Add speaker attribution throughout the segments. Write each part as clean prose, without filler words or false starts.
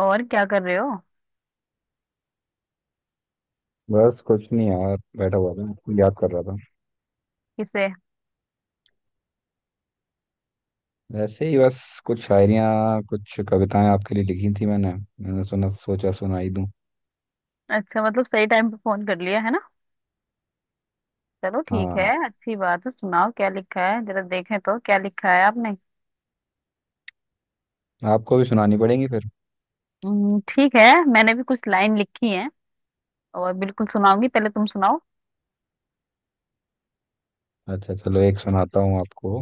Speaker 1: और क्या कर रहे हो?
Speaker 2: बस कुछ नहीं यार, बैठा हुआ था, याद कर रहा था।
Speaker 1: किसे?
Speaker 2: वैसे ही बस, कुछ शायरियाँ कुछ कविताएं आपके लिए लिखी थी मैंने मैंने सुना, सोचा सुनाई दूं।
Speaker 1: अच्छा, मतलब सही टाइम पे फोन कर लिया है ना। चलो ठीक है,
Speaker 2: हाँ,
Speaker 1: अच्छी बात है। सुनाओ क्या लिखा है, जरा देखें तो क्या लिखा है आपने।
Speaker 2: आपको भी सुनानी पड़ेंगी फिर।
Speaker 1: ठीक है। मैंने भी कुछ लाइन लिखी है। और बिल्कुल सुनाऊंगी, पहले तुम सुनाओ।
Speaker 2: अच्छा चलो, एक सुनाता हूँ आपको।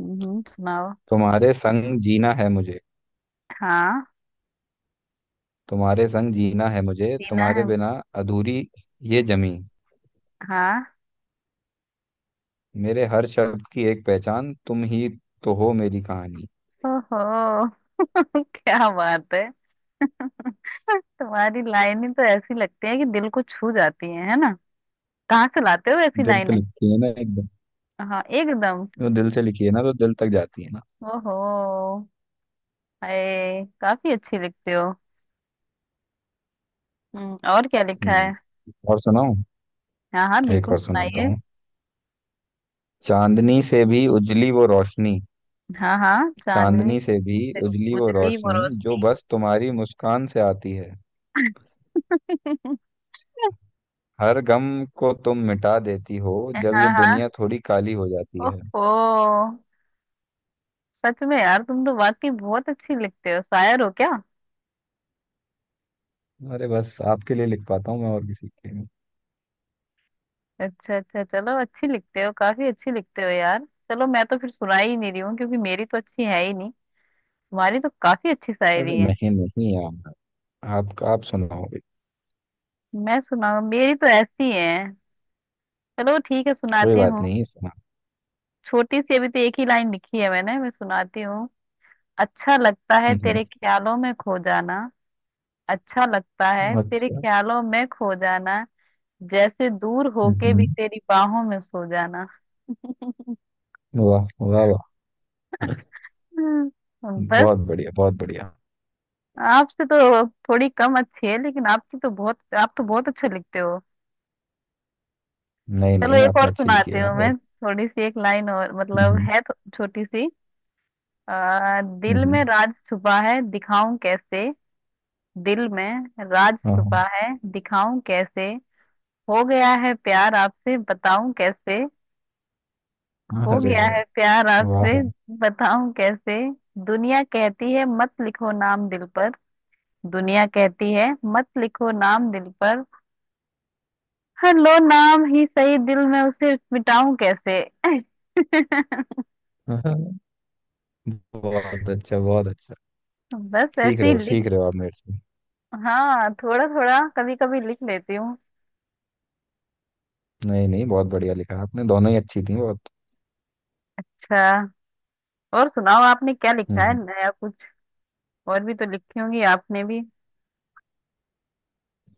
Speaker 1: हम्म, सुनाओ।
Speaker 2: तुम्हारे संग जीना है मुझे,
Speaker 1: हाँ।
Speaker 2: तुम्हारे संग जीना है मुझे,
Speaker 1: जीना
Speaker 2: तुम्हारे
Speaker 1: है।
Speaker 2: बिना अधूरी ये जमी।
Speaker 1: हाँ।
Speaker 2: मेरे हर शब्द की एक पहचान तुम ही तो हो, मेरी कहानी।
Speaker 1: ओहो। क्या बात है! तुम्हारी लाइन ही तो ऐसी लगती है कि दिल को छू जाती है ना? कहाँ से लाते हो ऐसी
Speaker 2: दिल पे
Speaker 1: लाइनें?
Speaker 2: लिखी है ना एकदम।
Speaker 1: हाँ, एकदम।
Speaker 2: वो दिल से लिखी है ना, तो दिल तक जाती है ना।
Speaker 1: ओहो। अरे, काफी अच्छी लिखते हो। हम्म, और क्या लिखा है?
Speaker 2: हम्म, और सुनाऊं।
Speaker 1: हाँ हाँ,
Speaker 2: एक
Speaker 1: बिल्कुल
Speaker 2: और सुनाता
Speaker 1: सुनाइए।
Speaker 2: हूँ। चांदनी से भी उजली वो रोशनी,
Speaker 1: हाँ हाँ, चांदनी
Speaker 2: चांदनी से भी
Speaker 1: से
Speaker 2: उजली वो
Speaker 1: उजली वो
Speaker 2: रोशनी, जो
Speaker 1: रोशनी।
Speaker 2: बस तुम्हारी मुस्कान से आती है। हर गम को तुम मिटा देती हो, जब ये
Speaker 1: हाँ हाँ।
Speaker 2: दुनिया थोड़ी काली हो जाती है।
Speaker 1: ओहो। सच में यार, तुम तो वाकई बहुत अच्छी लिखते हो। शायर हो क्या?
Speaker 2: अरे बस आपके लिए लिख पाता हूँ मैं, और किसी के लिए नहीं।
Speaker 1: अच्छा अच्छा, चलो अच्छी लिखते हो, काफी अच्छी लिखते हो यार। चलो मैं तो फिर सुना ही नहीं रही हूँ, क्योंकि मेरी तो अच्छी है ही नहीं। तुम्हारी तो काफी अच्छी
Speaker 2: अरे
Speaker 1: शायरी है।
Speaker 2: नहीं नहीं यार, आप सुनाओ भी।
Speaker 1: मैं सुनाऊँ? मेरी तो ऐसी है। चलो ठीक है,
Speaker 2: कोई
Speaker 1: सुनाती
Speaker 2: बात
Speaker 1: हूँ।
Speaker 2: नहीं, सुना।
Speaker 1: छोटी सी, अभी तो एक ही लाइन लिखी है मैंने। मैं सुनाती हूँ। अच्छा लगता है
Speaker 2: हम्म,
Speaker 1: तेरे ख्यालों में खो जाना। अच्छा लगता है तेरे
Speaker 2: अच्छा।
Speaker 1: ख्यालों में खो जाना। जैसे दूर
Speaker 2: हम्म,
Speaker 1: होके भी तेरी बाहों में सो जाना।
Speaker 2: वाह वाह वाह,
Speaker 1: बस।
Speaker 2: बहुत बढ़िया बहुत बढ़िया।
Speaker 1: आपसे तो थोड़ी कम अच्छी है, लेकिन आपकी तो बहुत, आप तो बहुत अच्छे लिखते हो।
Speaker 2: नहीं
Speaker 1: चलो,
Speaker 2: नहीं,
Speaker 1: एक
Speaker 2: आपने
Speaker 1: और
Speaker 2: अच्छी लिखी
Speaker 1: सुनाती
Speaker 2: यार,
Speaker 1: हूँ
Speaker 2: बहुत।
Speaker 1: मैं, थोड़ी सी एक लाइन और, मतलब
Speaker 2: हम्म,
Speaker 1: है तो छोटी सी।
Speaker 2: हम्म,
Speaker 1: दिल में राज छुपा है, दिखाऊं कैसे? दिल में राज छुपा
Speaker 2: हाँ
Speaker 1: है, दिखाऊं कैसे? हो गया है प्यार आपसे, बताऊं कैसे?
Speaker 2: हाँ,
Speaker 1: हो
Speaker 2: अरे
Speaker 1: गया है
Speaker 2: यार,
Speaker 1: प्यार
Speaker 2: वाह
Speaker 1: आपसे, बताऊं कैसे? दुनिया कहती है, मत लिखो नाम दिल पर। दुनिया कहती है, मत लिखो नाम दिल पर। हर लो नाम ही सही, दिल में उसे मिटाऊं कैसे?
Speaker 2: वाह। बहुत अच्छा बहुत अच्छा।
Speaker 1: बस
Speaker 2: सीख
Speaker 1: ऐसे
Speaker 2: रहे
Speaker 1: ही
Speaker 2: हो,
Speaker 1: लिख।
Speaker 2: सीख रहे हो आप मेरे से।
Speaker 1: हाँ, थोड़ा थोड़ा कभी कभी लिख लेती हूँ।
Speaker 2: नहीं नहीं, बहुत बढ़िया लिखा आपने, दोनों ही अच्छी थी बहुत।
Speaker 1: अच्छा। और सुनाओ, आपने क्या लिखा है,
Speaker 2: हम्म।
Speaker 1: नया कुछ? और भी तो लिखी होंगी आपने भी।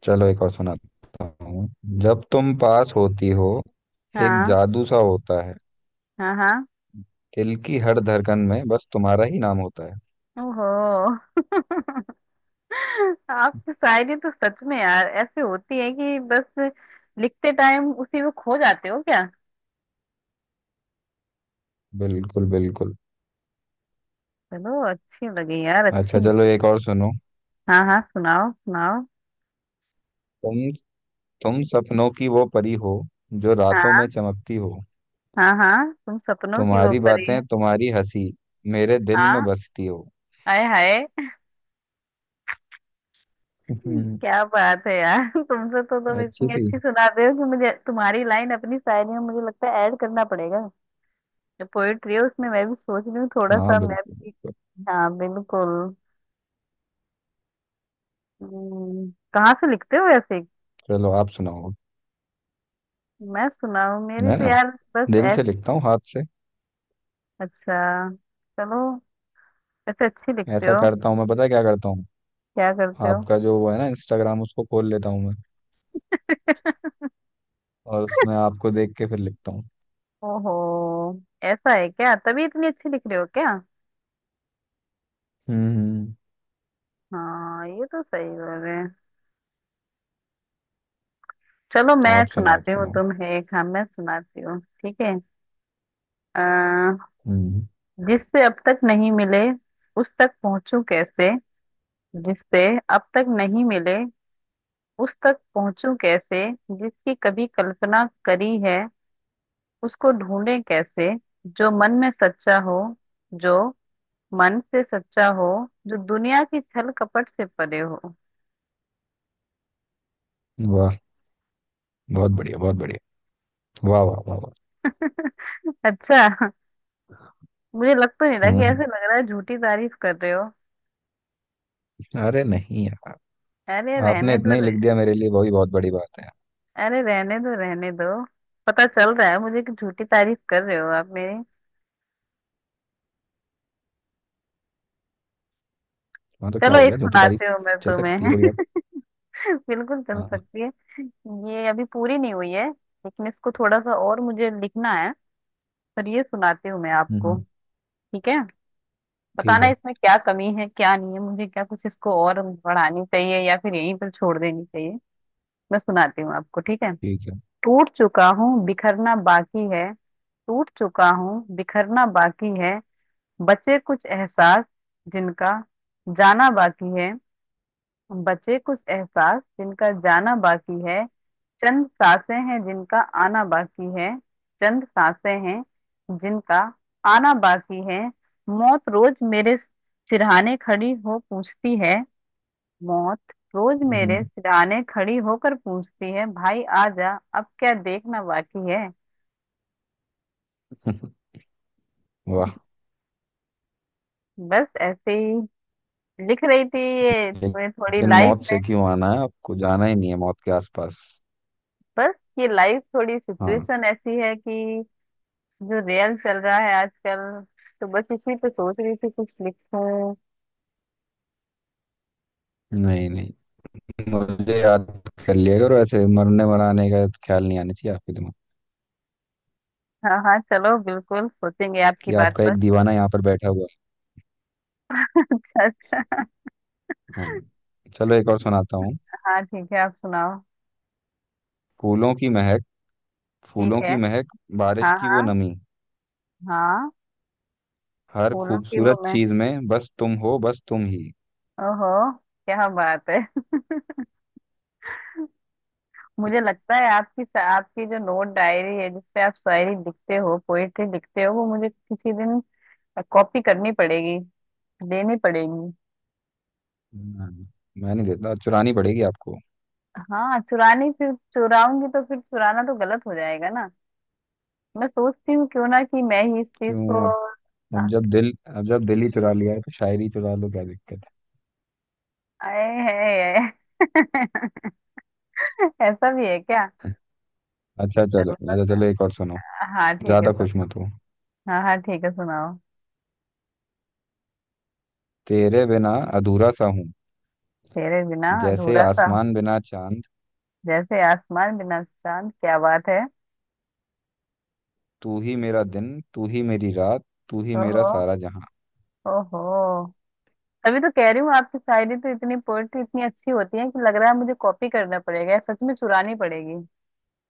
Speaker 2: चलो एक और सुनाता हूँ। जब तुम पास होती हो, एक
Speaker 1: हाँ
Speaker 2: जादू सा होता है।
Speaker 1: हाँ हाँ।
Speaker 2: दिल की हर धड़कन में बस तुम्हारा ही नाम होता है।
Speaker 1: ओहो। आपकी शायरी तो सच में यार ऐसे होती है कि बस। लिखते टाइम उसी में खो जाते हो क्या?
Speaker 2: बिल्कुल बिल्कुल।
Speaker 1: चलो, अच्छी लगी यार, अच्छी।
Speaker 2: अच्छा चलो एक और सुनो।
Speaker 1: हाँ हाँ, सुनाओ सुनाओ।
Speaker 2: तुम तुम सपनों की वो परी हो, जो रातों में
Speaker 1: हाँ
Speaker 2: चमकती हो।
Speaker 1: हाँ हाँ, तुम सपनों की वो
Speaker 2: तुम्हारी
Speaker 1: परी है।
Speaker 2: बातें, तुम्हारी हंसी, मेरे दिल में
Speaker 1: हाँ।
Speaker 2: बसती हो।
Speaker 1: हाय हाय। क्या बात है यार, तुम
Speaker 2: अच्छी
Speaker 1: इतनी
Speaker 2: थी।
Speaker 1: अच्छी सुनाते हो कि मुझे तुम्हारी लाइन अपनी शायरी में, मुझे लगता है, ऐड करना पड़ेगा। जो पोएट्री है उसमें मैं भी सोच रही हूँ, थोड़ा
Speaker 2: हाँ
Speaker 1: सा मैं
Speaker 2: बिल्कुल
Speaker 1: भी।
Speaker 2: बिल्कुल।
Speaker 1: हाँ, बिल्कुल। कहाँ से लिखते हो ऐसे?
Speaker 2: चलो आप सुनाओ।
Speaker 1: मैं सुना हूँ, मेरी
Speaker 2: मैं
Speaker 1: तो
Speaker 2: ना
Speaker 1: यार। बस
Speaker 2: दिल
Speaker 1: ऐस
Speaker 2: से लिखता हूँ, हाथ से।
Speaker 1: अच्छा। चलो। ऐसे अच्छी लिखते
Speaker 2: ऐसा
Speaker 1: हो।
Speaker 2: करता हूँ मैं, पता है क्या करता हूँ?
Speaker 1: क्या करते हो?
Speaker 2: आपका जो वो है ना इंस्टाग्राम, उसको खोल लेता हूँ मैं, और उसमें आपको देख के फिर लिखता हूँ।
Speaker 1: ओहो। ऐसा है क्या? तभी इतनी अच्छी लिख रहे हो क्या?
Speaker 2: हम्म,
Speaker 1: हाँ, ये तो सही बोल रहे हैं। चलो मैं
Speaker 2: आप सुनाओ, आप
Speaker 1: सुनाती हूँ
Speaker 2: सुनाओ।
Speaker 1: तुम्हें एक, हाँ मैं सुनाती हूँ, ठीक है। अ,
Speaker 2: हम्म,
Speaker 1: जिससे अब तक नहीं मिले, उस तक पहुंचूं कैसे? जिससे अब तक नहीं मिले, उस तक पहुंचूं कैसे? जिसकी कभी कल्पना करी है, उसको ढूंढे कैसे? जो मन में सच्चा हो, जो मन से सच्चा हो, जो दुनिया की छल कपट से परे हो।
Speaker 2: वाह, बहुत बढ़िया बहुत बढ़िया, वाह वाह वाह वाह।
Speaker 1: अच्छा। मुझे लग तो नहीं रहा
Speaker 2: हम्म,
Speaker 1: कि, ऐसे लग रहा है झूठी तारीफ कर रहे हो।
Speaker 2: अरे नहीं यार,
Speaker 1: अरे
Speaker 2: आपने
Speaker 1: रहने दो
Speaker 2: इतना ही लिख दिया मेरे लिए, वही बहुत बड़ी बात है।
Speaker 1: अरे रहने दो, रहने दो। पता चल रहा है मुझे कि झूठी तारीफ कर रहे हो आप मेरी।
Speaker 2: हाँ तो क्या
Speaker 1: चलो
Speaker 2: हो
Speaker 1: एक
Speaker 2: गया झूठी
Speaker 1: सुनाते
Speaker 2: तारीफ,
Speaker 1: हो मैं
Speaker 2: चल सकती है
Speaker 1: तुम्हें।
Speaker 2: थोड़ी बात।
Speaker 1: बिल्कुल चल
Speaker 2: हाँ हाँ,
Speaker 1: सकती है। ये अभी पूरी नहीं हुई है, लेकिन इसको थोड़ा सा और मुझे लिखना है। पर ये सुनाती हूँ मैं
Speaker 2: हम्म,
Speaker 1: आपको, ठीक है?
Speaker 2: ठीक
Speaker 1: बताना
Speaker 2: है,
Speaker 1: इसमें क्या कमी है, क्या नहीं है, मुझे क्या, कुछ इसको और बढ़ानी चाहिए या फिर यहीं पर छोड़ देनी चाहिए। मैं सुनाती हूँ आपको, ठीक है?
Speaker 2: ठीक है।
Speaker 1: टूट चुका हूँ, बिखरना बाकी है। टूट चुका हूँ, बिखरना बाकी है। बचे कुछ एहसास जिनका जाना बाकी है। बचे कुछ एहसास जिनका जाना बाकी है। चंद सांसें हैं जिनका आना बाकी है। चंद सांसें हैं जिनका आना बाकी है। मौत रोज मेरे सिरहाने खड़ी हो पूछती है। मौत रोज मेरे
Speaker 2: हम्म,
Speaker 1: सिरहाने खड़ी होकर पूछती है, भाई आ जा, अब क्या देखना बाकी है।
Speaker 2: हम्म, वाह।
Speaker 1: बस ऐसे ही लिख रही थी। ये थोड़ी थोड़ी
Speaker 2: लेकिन
Speaker 1: लाइफ
Speaker 2: मौत
Speaker 1: में।
Speaker 2: से क्यों आना है, आपको जाना ही नहीं है मौत के आसपास।
Speaker 1: बस ये लाइफ थोड़ी
Speaker 2: हाँ,
Speaker 1: सिचुएशन ऐसी है कि जो रियल चल रहा है आजकल, तो बस इसी पे सोच रही थी कुछ लिखूं।
Speaker 2: नहीं नहीं, मुझे याद कर लिया करो, ऐसे मरने मराने का ख्याल नहीं आना चाहिए आपके दिमाग,
Speaker 1: हाँ हाँ, चलो बिल्कुल सोचेंगे आपकी
Speaker 2: कि
Speaker 1: बात
Speaker 2: आपका
Speaker 1: पर।
Speaker 2: एक दीवाना यहाँ पर बैठा हुआ है।
Speaker 1: अच्छा अच्छा।
Speaker 2: हाँ, चलो एक और सुनाता हूँ।
Speaker 1: हाँ ठीक है, आप सुनाओ।
Speaker 2: फूलों की महक फूलों
Speaker 1: ठीक है।
Speaker 2: की महक बारिश
Speaker 1: हाँ
Speaker 2: की वो
Speaker 1: हाँ।
Speaker 2: नमी,
Speaker 1: हाँ।
Speaker 2: हर
Speaker 1: फूलों की वो,
Speaker 2: खूबसूरत
Speaker 1: मैं।
Speaker 2: चीज में बस तुम हो, बस तुम ही।
Speaker 1: ओहो। क्या बात है! मुझे लगता है आपकी आपकी जो नोट डायरी है, जिसपे आप शायरी लिखते हो, पोएट्री लिखते हो, वो मुझे किसी दिन कॉपी करनी पड़ेगी, देनी पड़ेगी।
Speaker 2: नहीं, मैं नहीं देता, चुरानी पड़ेगी आपको।
Speaker 1: हाँ चुरानी, फिर चुराऊंगी तो फिर चुराना तो गलत हो जाएगा ना। मैं सोचती हूँ क्यों ना कि मैं ही इस चीज
Speaker 2: क्यों
Speaker 1: को
Speaker 2: आप, अब जब दिल ही चुरा लिया है, तो शायरी चुरा लो, क्या दिक्कत
Speaker 1: आए है। ऐसा भी है क्या?
Speaker 2: है। अच्छा चलो,
Speaker 1: चलो।
Speaker 2: अच्छा चलो एक और सुनाओ।
Speaker 1: हाँ ठीक है,
Speaker 2: ज्यादा
Speaker 1: सुन।
Speaker 2: खुश मत हो।
Speaker 1: हाँ हाँ ठीक है, सुनाओ।
Speaker 2: तेरे बिना अधूरा सा हूँ,
Speaker 1: तेरे बिना
Speaker 2: जैसे
Speaker 1: अधूरा सा हूँ,
Speaker 2: आसमान बिना चांद।
Speaker 1: जैसे आसमान बिना चांद। क्या बात है।
Speaker 2: तू ही मेरा दिन, तू ही मेरी रात, तू ही मेरा
Speaker 1: ओहो।
Speaker 2: सारा जहां।
Speaker 1: ओहो। तभी तो कह रही हूँ, आपकी शायरी तो इतनी, पोएट्री इतनी अच्छी होती है कि लग रहा है मुझे कॉपी करना पड़ेगा या सच में चुरानी पड़ेगी।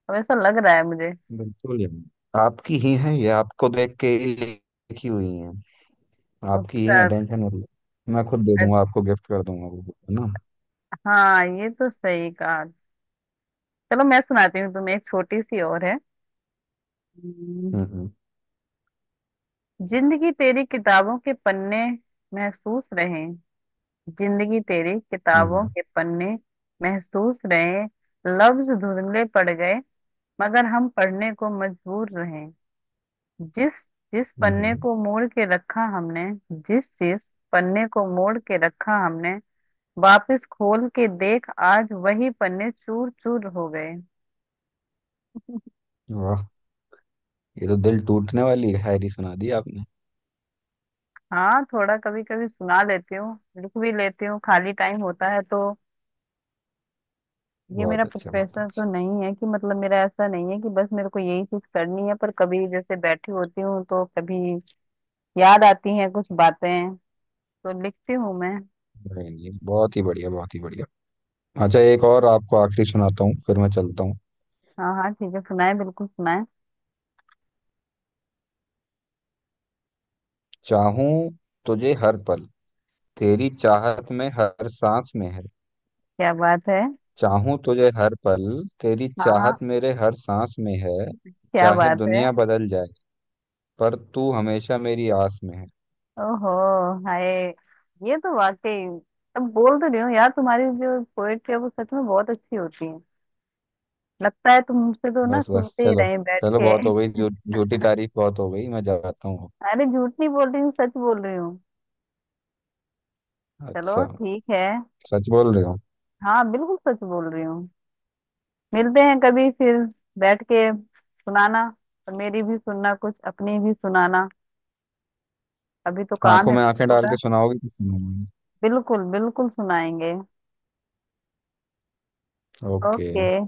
Speaker 1: अब ऐसा लग रहा है मुझे।
Speaker 2: बिल्कुल यार, आपकी ही है ये, आपको देख के ही लिखी हुई है। आपकी ही
Speaker 1: अच्छा
Speaker 2: है, टेंशन मत लो। मैं खुद दे
Speaker 1: अच्छा,
Speaker 2: दूंगा आपको, गिफ्ट कर दूंगा वो book, है ना।
Speaker 1: हाँ ये तो सही कहा। चलो मैं सुनाती हूँ तुम्हें, एक छोटी सी और है। हम्म,
Speaker 2: हम्म, हम्म,
Speaker 1: जिंदगी तेरी किताबों के पन्ने, महसूस रहे। जिंदगी तेरी किताबों
Speaker 2: हम्म,
Speaker 1: के पन्ने, महसूस रहे। लफ्ज धुंधले पड़ गए, मगर हम पढ़ने को मजबूर रहे। जिस जिस पन्ने
Speaker 2: हम्म।
Speaker 1: को मोड़ के रखा हमने, जिस जिस पन्ने को मोड़ के रखा हमने, वापस खोल के देख आज वही पन्ने चूर चूर हो गए।
Speaker 2: वाह, ये तो दिल टूटने वाली शायरी सुना दी आपने।
Speaker 1: हाँ, थोड़ा कभी कभी सुना लेती हूँ। लिख भी लेती हूँ, खाली टाइम होता है तो। ये मेरा
Speaker 2: बहुत अच्छा बहुत
Speaker 1: प्रोफेशन तो
Speaker 2: अच्छा।
Speaker 1: नहीं है कि, मतलब मेरा ऐसा नहीं है कि बस मेरे को यही चीज करनी है, पर कभी जैसे बैठी होती हूँ तो कभी याद आती हैं कुछ बातें, तो लिखती हूँ मैं।
Speaker 2: नहीं, नहीं, बहुत ही बढ़िया बहुत ही बढ़िया। अच्छा, एक और आपको आखिरी सुनाता हूँ, फिर मैं चलता हूँ।
Speaker 1: हाँ हाँ ठीक है, सुनाए, बिल्कुल सुनाए।
Speaker 2: चाहूं तुझे हर पल, तेरी चाहत में हर सांस में है।
Speaker 1: क्या बात है!
Speaker 2: चाहूं तुझे हर पल, तेरी
Speaker 1: हाँ हाँ।
Speaker 2: चाहत मेरे हर सांस में है।
Speaker 1: क्या
Speaker 2: चाहे
Speaker 1: बात है!
Speaker 2: दुनिया बदल जाए, पर तू हमेशा मेरी आस में है।
Speaker 1: ओहो। हाय। ये तो वाकई, अब बोल तो रही हूँ यार, तुम्हारी जो पोएट्री है वो सच में बहुत अच्छी होती है। लगता है तुम मुझसे तो ना,
Speaker 2: बस बस,
Speaker 1: सुनते ही
Speaker 2: चलो
Speaker 1: रहे बैठ
Speaker 2: चलो,
Speaker 1: के।
Speaker 2: बहुत हो गई झूठी तारीफ, बहुत हो गई, मैं जाता हूँ।
Speaker 1: अरे, झूठ नहीं बोल रही हूँ, सच बोल रही हूँ। चलो
Speaker 2: अच्छा,
Speaker 1: ठीक है।
Speaker 2: सच बोल रहे हो।
Speaker 1: हाँ बिल्कुल सच बोल रही हूँ। मिलते हैं कभी फिर, बैठ के सुनाना, और मेरी भी सुनना कुछ, अपनी भी सुनाना। अभी तो काम
Speaker 2: आंखों
Speaker 1: है
Speaker 2: में आंखें डाल
Speaker 1: थोड़ा।
Speaker 2: के सुनाओगे तो सुनाऊंगा।
Speaker 1: बिल्कुल बिल्कुल सुनाएंगे। ओके।
Speaker 2: ओके।